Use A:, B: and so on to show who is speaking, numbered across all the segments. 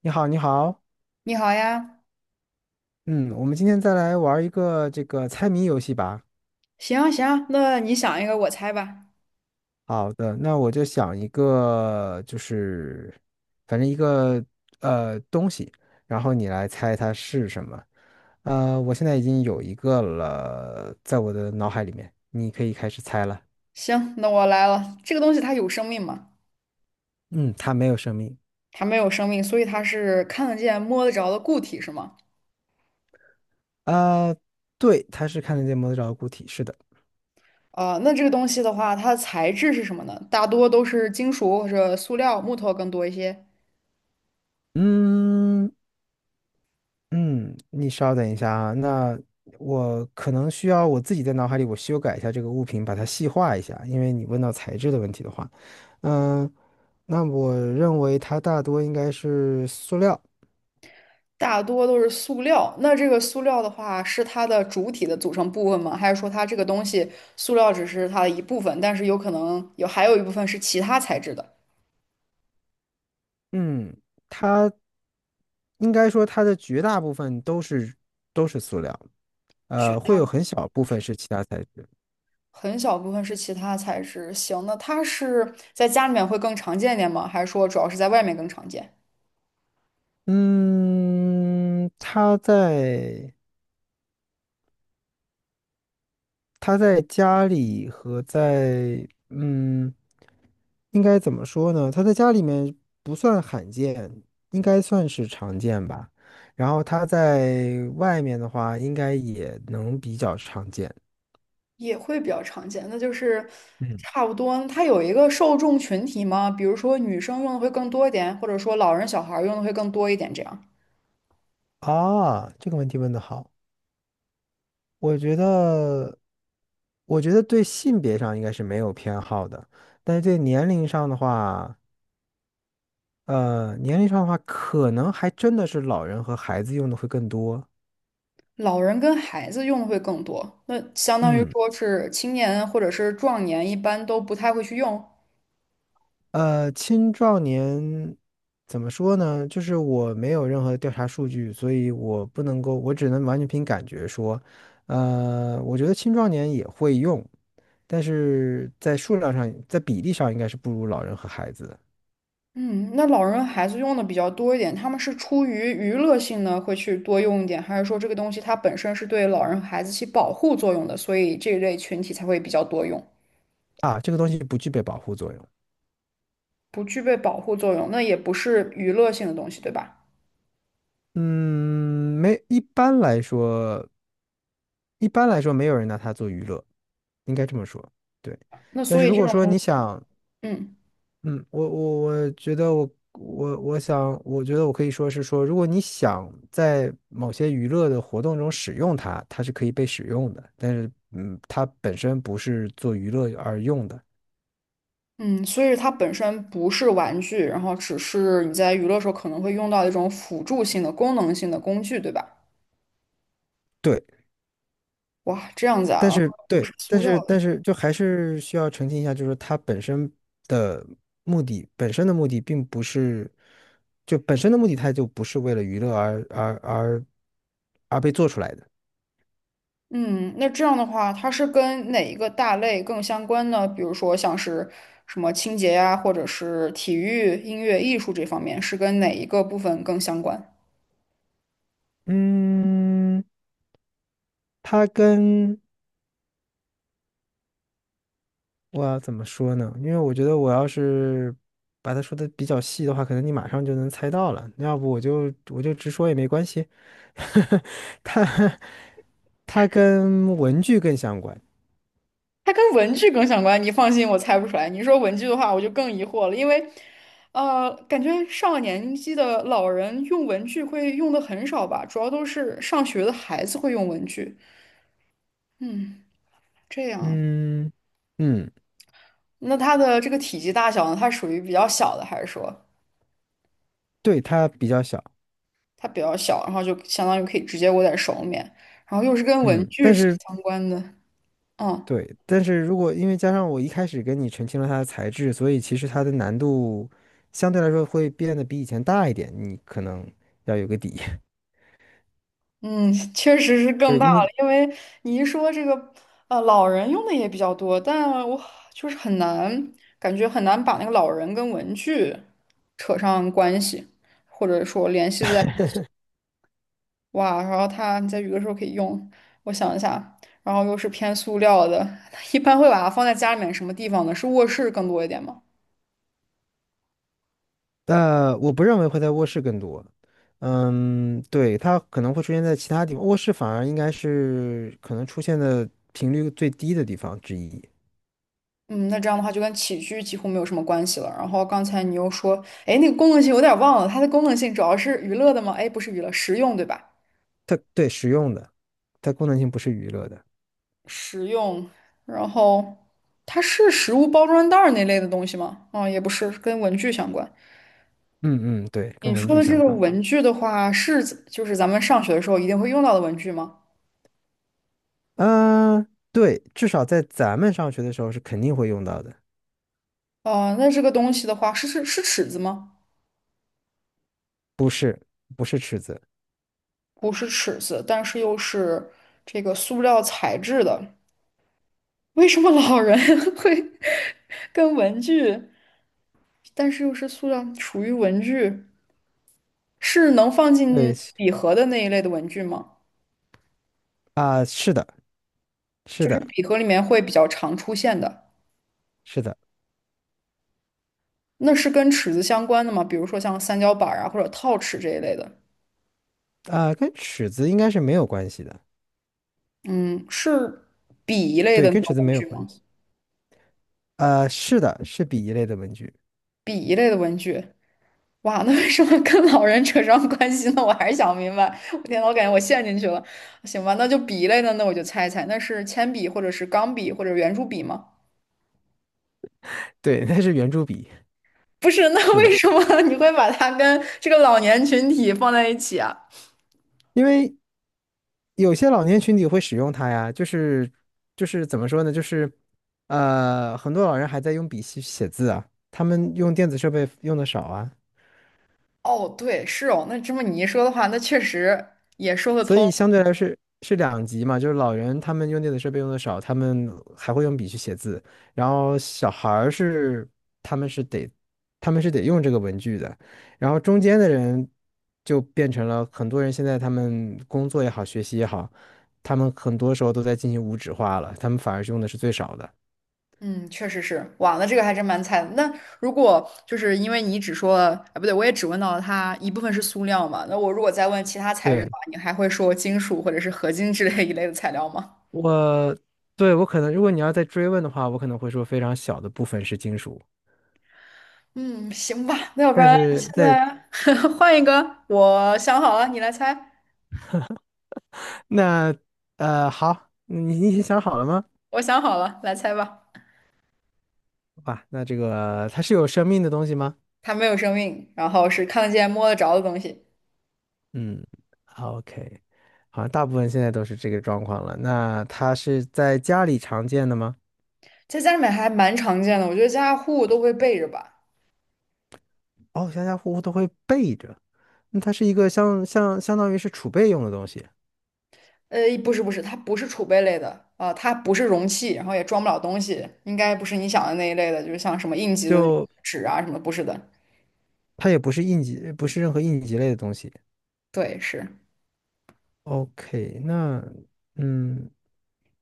A: 你好，你好。
B: 你好呀，
A: 嗯，我们今天再来玩一个这个猜谜游戏吧。
B: 行行，那你想一个，我猜吧。
A: 好的，那我就想一个，就是反正一个东西，然后你来猜它是什么。我现在已经有一个了，在我的脑海里面，你可以开始猜了。
B: 行，那我来了。这个东西它有生命吗？
A: 嗯，它没有生命。
B: 它没有生命，所以它是看得见、摸得着的固体，是吗？
A: 呃，对，它是看得见摸得着的固体，是的。
B: 那这个东西的话，它的材质是什么呢？大多都是金属或者塑料、木头更多一些。
A: 嗯，嗯，你稍等一下啊，那我可能需要我自己在脑海里我修改一下这个物品，把它细化一下，因为你问到材质的问题的话，嗯，那我认为它大多应该是塑料。
B: 大多都是塑料。那这个塑料的话，是它的主体的组成部分吗？还是说它这个东西，塑料只是它的一部分，但是有可能有还有一部分是其他材质的？
A: 嗯，它应该说它的绝大部分都是塑料，
B: 雪
A: 会有
B: 大。
A: 很小部分是其他材质。
B: 很小部分是其他材质。行，那它是在家里面会更常见一点吗？还是说主要是在外面更常见？
A: 嗯，它在。他在家里和在嗯，应该怎么说呢？他在家里面不算罕见，应该算是常见吧。然后他在外面的话，应该也能比较常见。
B: 也会比较常见，那就是
A: 嗯。
B: 差不多。它有一个受众群体吗？比如说女生用的会更多一点，或者说老人小孩儿用的会更多一点，这样。
A: 啊，这个问题问得好，我觉得，我觉得对性别上应该是没有偏好的，但是对年龄上的话，可能还真的是老人和孩子用的会更多。
B: 老人跟孩子用的会更多，那相当于
A: 嗯。
B: 说是青年或者是壮年一般都不太会去用。
A: 青壮年怎么说呢？就是我没有任何的调查数据，所以我不能够，我只能完全凭感觉说。我觉得青壮年也会用，但是在数量上，在比例上应该是不如老人和孩子的。
B: 嗯，那老人孩子用的比较多一点，他们是出于娱乐性呢，会去多用一点，还是说这个东西它本身是对老人孩子起保护作用的，所以这一类群体才会比较多用？
A: 啊，这个东西不具备保护作用。
B: 不具备保护作用，那也不是娱乐性的东西，对吧？
A: 嗯，没，一般来说没有人拿它做娱乐，应该这么说。对，
B: 那
A: 但
B: 所
A: 是
B: 以
A: 如
B: 这
A: 果
B: 种
A: 说
B: 东
A: 你
B: 西，
A: 想
B: 嗯
A: 嗯，我觉得我想，我觉得我可以说是说，如果你想在某些娱乐的活动中使用它，它是可以被使用的，但是它本身不是做娱乐而用的。
B: 嗯，所以它本身不是玩具，然后只是你在娱乐时候可能会用到一种辅助性的、功能性的工具，对吧？
A: 对，
B: 哇，这样子啊，都
A: 对，
B: 是塑
A: 但
B: 料。
A: 是
B: 的。
A: 但是就还是需要澄清一下，就是它本身的目的，本身的目的并不是，就本身的目的它就不是为了娱乐而被做出来的。
B: 嗯，那这样的话，它是跟哪一个大类更相关呢？比如说像是什么清洁呀，或者是体育、音乐、艺术这方面，是跟哪一个部分更相关？
A: 嗯，它跟我要怎么说呢？因为我觉得我要是把它说的比较细的话，可能你马上就能猜到了。要不我就直说也没关系。它它跟文具更相关。
B: 它跟文具更相关，你放心，我猜不出来。你说文具的话，我就更疑惑了，因为，感觉上了年纪的老人用文具会用的很少吧，主要都是上学的孩子会用文具。嗯，这样啊，
A: 嗯嗯，
B: 那它的这个体积大小呢，它属于比较小的，还是说？
A: 对，它比较小。
B: 它比较小，然后就相当于可以直接握在手里面，然后又是跟文
A: 嗯，
B: 具
A: 但
B: 是
A: 是
B: 相关的，嗯
A: 对，但是如果因为加上我一开始跟你澄清了它的材质，所以其实它的难度相对来说会变得比以前大一点。你可能要有个底，
B: 嗯，确实是
A: 就
B: 更大
A: 因
B: 了，
A: 为。
B: 因为你一说这个，老人用的也比较多，但我就是很难，感觉很难把那个老人跟文具扯上关系，或者说联系在，哇，然后他你在有的时候可以用，我想一下，然后又是偏塑料的，一般会把它放在家里面什么地方呢？是卧室更多一点吗？
A: 但我不认为会在卧室更多。嗯，对，它可能会出现在其他地方，卧室反而应该是可能出现的频率最低的地方之一。
B: 嗯，那这样的话就跟起居几乎没有什么关系了。然后刚才你又说，哎，那个功能性有点忘了，它的功能性主要是娱乐的吗？哎，不是娱乐，实用对吧？
A: 它对实用的，它功能性不是娱乐的。
B: 实用，然后它是食物包装袋儿那类的东西吗？啊、也不是，跟文具相关。
A: 嗯对，
B: 你
A: 跟文
B: 说
A: 具
B: 的这
A: 相
B: 个
A: 关。
B: 文具的话，是指就是咱们上学的时候一定会用到的文具吗？
A: 嗯、对，至少在咱们上学的时候是肯定会用到的，
B: 哦、那这个东西的话，是尺子吗？
A: 是不是尺子？
B: 不是尺子，但是又是这个塑料材质的。为什么老人 会跟文具，但是又是塑料，属于文具，是能放进
A: 对
B: 笔盒的那一类的文具吗？
A: 是的，是
B: 就是
A: 的，
B: 笔盒里面会比较常出现的，
A: 是的。
B: 那是跟尺子相关的吗？比如说像三角板儿啊，或者套尺这一类的。
A: 跟尺子应该是没有关系的。
B: 嗯，是笔一类的
A: 对，
B: 那
A: 跟尺
B: 种
A: 子
B: 文
A: 没有
B: 具
A: 关
B: 吗？
A: 系。啊，是的，是笔一类的文具。
B: 笔一类的文具，哇，那为什么跟老人扯上关系呢？我还是想不明白。我天呐我感觉我陷进去了。行吧，那就笔一类的，那我就猜一猜，那是铅笔或者是钢笔或者圆珠笔吗？
A: 对，那是圆珠笔，
B: 不是，那
A: 是的，
B: 为什么 你会把它跟这个老年群体放在一起啊？
A: 因为有些老年群体会使用它呀，就是怎么说呢，就是很多老人还在用笔写写字啊，他们用电子设备用的少啊。
B: 哦，对，是哦，那这么你一说的话，那确实也说得
A: 所
B: 通。
A: 以相对来是是两极嘛，就是老人他们用电子设备用的少，他们还会用笔去写字，然后小孩儿是他们是得他们是得用这个文具的，然后中间的人就变成了很多人现在他们工作也好，学习也好，他们很多时候都在进行无纸化了，他们反而是用的是最少的。
B: 嗯，确实是，哇，那这个还真蛮菜的。那如果就是因为你只说了，啊，不对，我也只问到了它一部分是塑料嘛，那我如果再问其他材质的
A: 对，
B: 话，你还会说金属或者是合金之类一类的材料吗？
A: 我，对，我可能，如果你要再追问的话，我可能会说非常小的部分是金属。
B: 嗯，行吧，那要不
A: 但
B: 然
A: 是
B: 现
A: 在
B: 在 换一个，我想好了，你来猜。
A: 那呃，好，你你已经想好了吗？
B: 我想好了，来猜吧。
A: 哇，那这个它是有生命的东西吗？
B: 它没有生命，然后是看得见、摸得着的东西，
A: 嗯，OK，好像大部分现在都是这个状况了。那它是在家里常见的吗？
B: 在家里面还蛮常见的，我觉得家家户户都会备着吧。
A: 哦，家家户户都会备着。那它是一个相当于是储备用的东西，
B: 不是不是，它不是储备类的啊、它不是容器，然后也装不了东西，应该不是你想的那一类的，就是像什么应急的那种
A: 就
B: 纸啊什么的不是的。
A: 它也不是应急，不是任何应急类的东西。
B: 对，是，
A: OK，那嗯，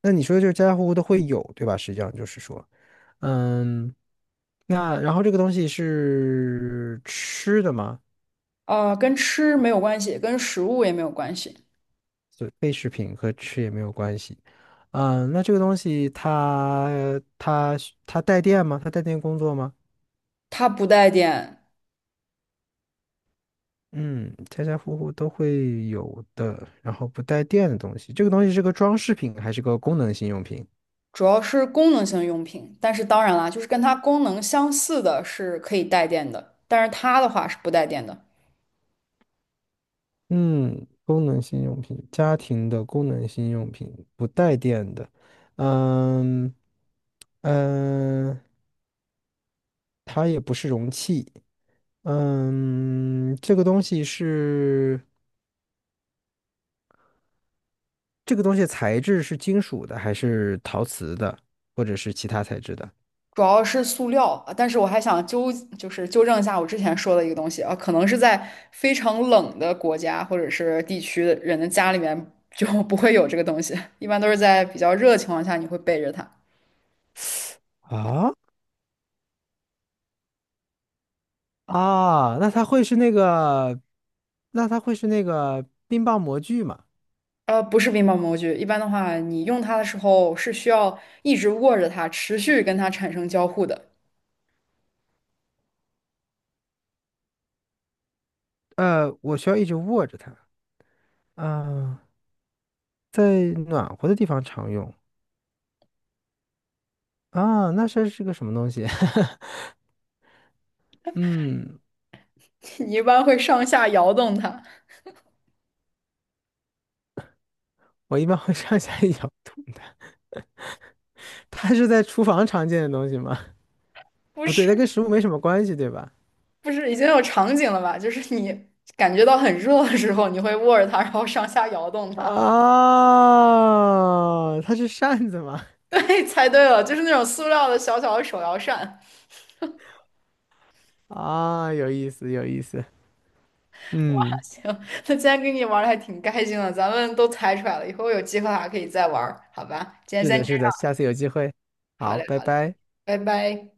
A: 那你说就是家家户户都会有，对吧？实际上就是说，嗯，那然后这个东西是吃的吗？
B: 跟吃没有关系，跟食物也没有关系，
A: 嗯，那这个东西它它带电吗？它带电工作吗？
B: 它不带电，
A: 嗯，家家户户都会有的，然后不带电的东西，这个东西是个装饰品还是个功能性用品？
B: 主要是功能性用品。但是当然啦，就是跟它功能相似的是可以带电的，但是它的话是不带电的。
A: 嗯，功能性用品，家庭的功能性用品，不带电的。嗯嗯，呃它也不是容器。嗯，这个东西是这个东西的材质是金属的，还是陶瓷的，或者是其他材质的？
B: 主要是塑料，啊，但是我还想纠，就是纠正一下我之前说的一个东西啊，可能是在非常冷的国家或者是地区的人的家里面就不会有这个东西，一般都是在比较热的情况下你会背着它。
A: 啊啊，那它会是那个冰棒模具吗？
B: 不是冰棒模具，一般的话你用它的时候是需要一直握着它，持续跟它产生交互的，
A: 呃，我需要一直握着它。啊，在暖和的地方常用。啊，那是是个什么东西？嗯，
B: 你一般会上下摇动它。
A: 我一般会上下一摇动的。它是在厨房常见的东西吗？
B: 不
A: 不对，
B: 是
A: 它跟食物没什么关系，对吧？
B: 不是，已经有场景了吧？就是你感觉到很热的时候，你会握着它，然后上下摇动它。
A: 啊，它是扇子吗？
B: 对，猜对了，就是那种塑料的小小的手摇扇。
A: 啊，有意思，有意思。嗯，
B: 行，那今天跟你玩的还挺开心的，咱们都猜出来了，以后有机会还可以再玩儿好吧？今天
A: 是
B: 先
A: 的，
B: 这
A: 是的，
B: 样，
A: 下次有机会。
B: 好
A: 好，
B: 嘞，
A: 拜
B: 好嘞，
A: 拜。
B: 拜拜。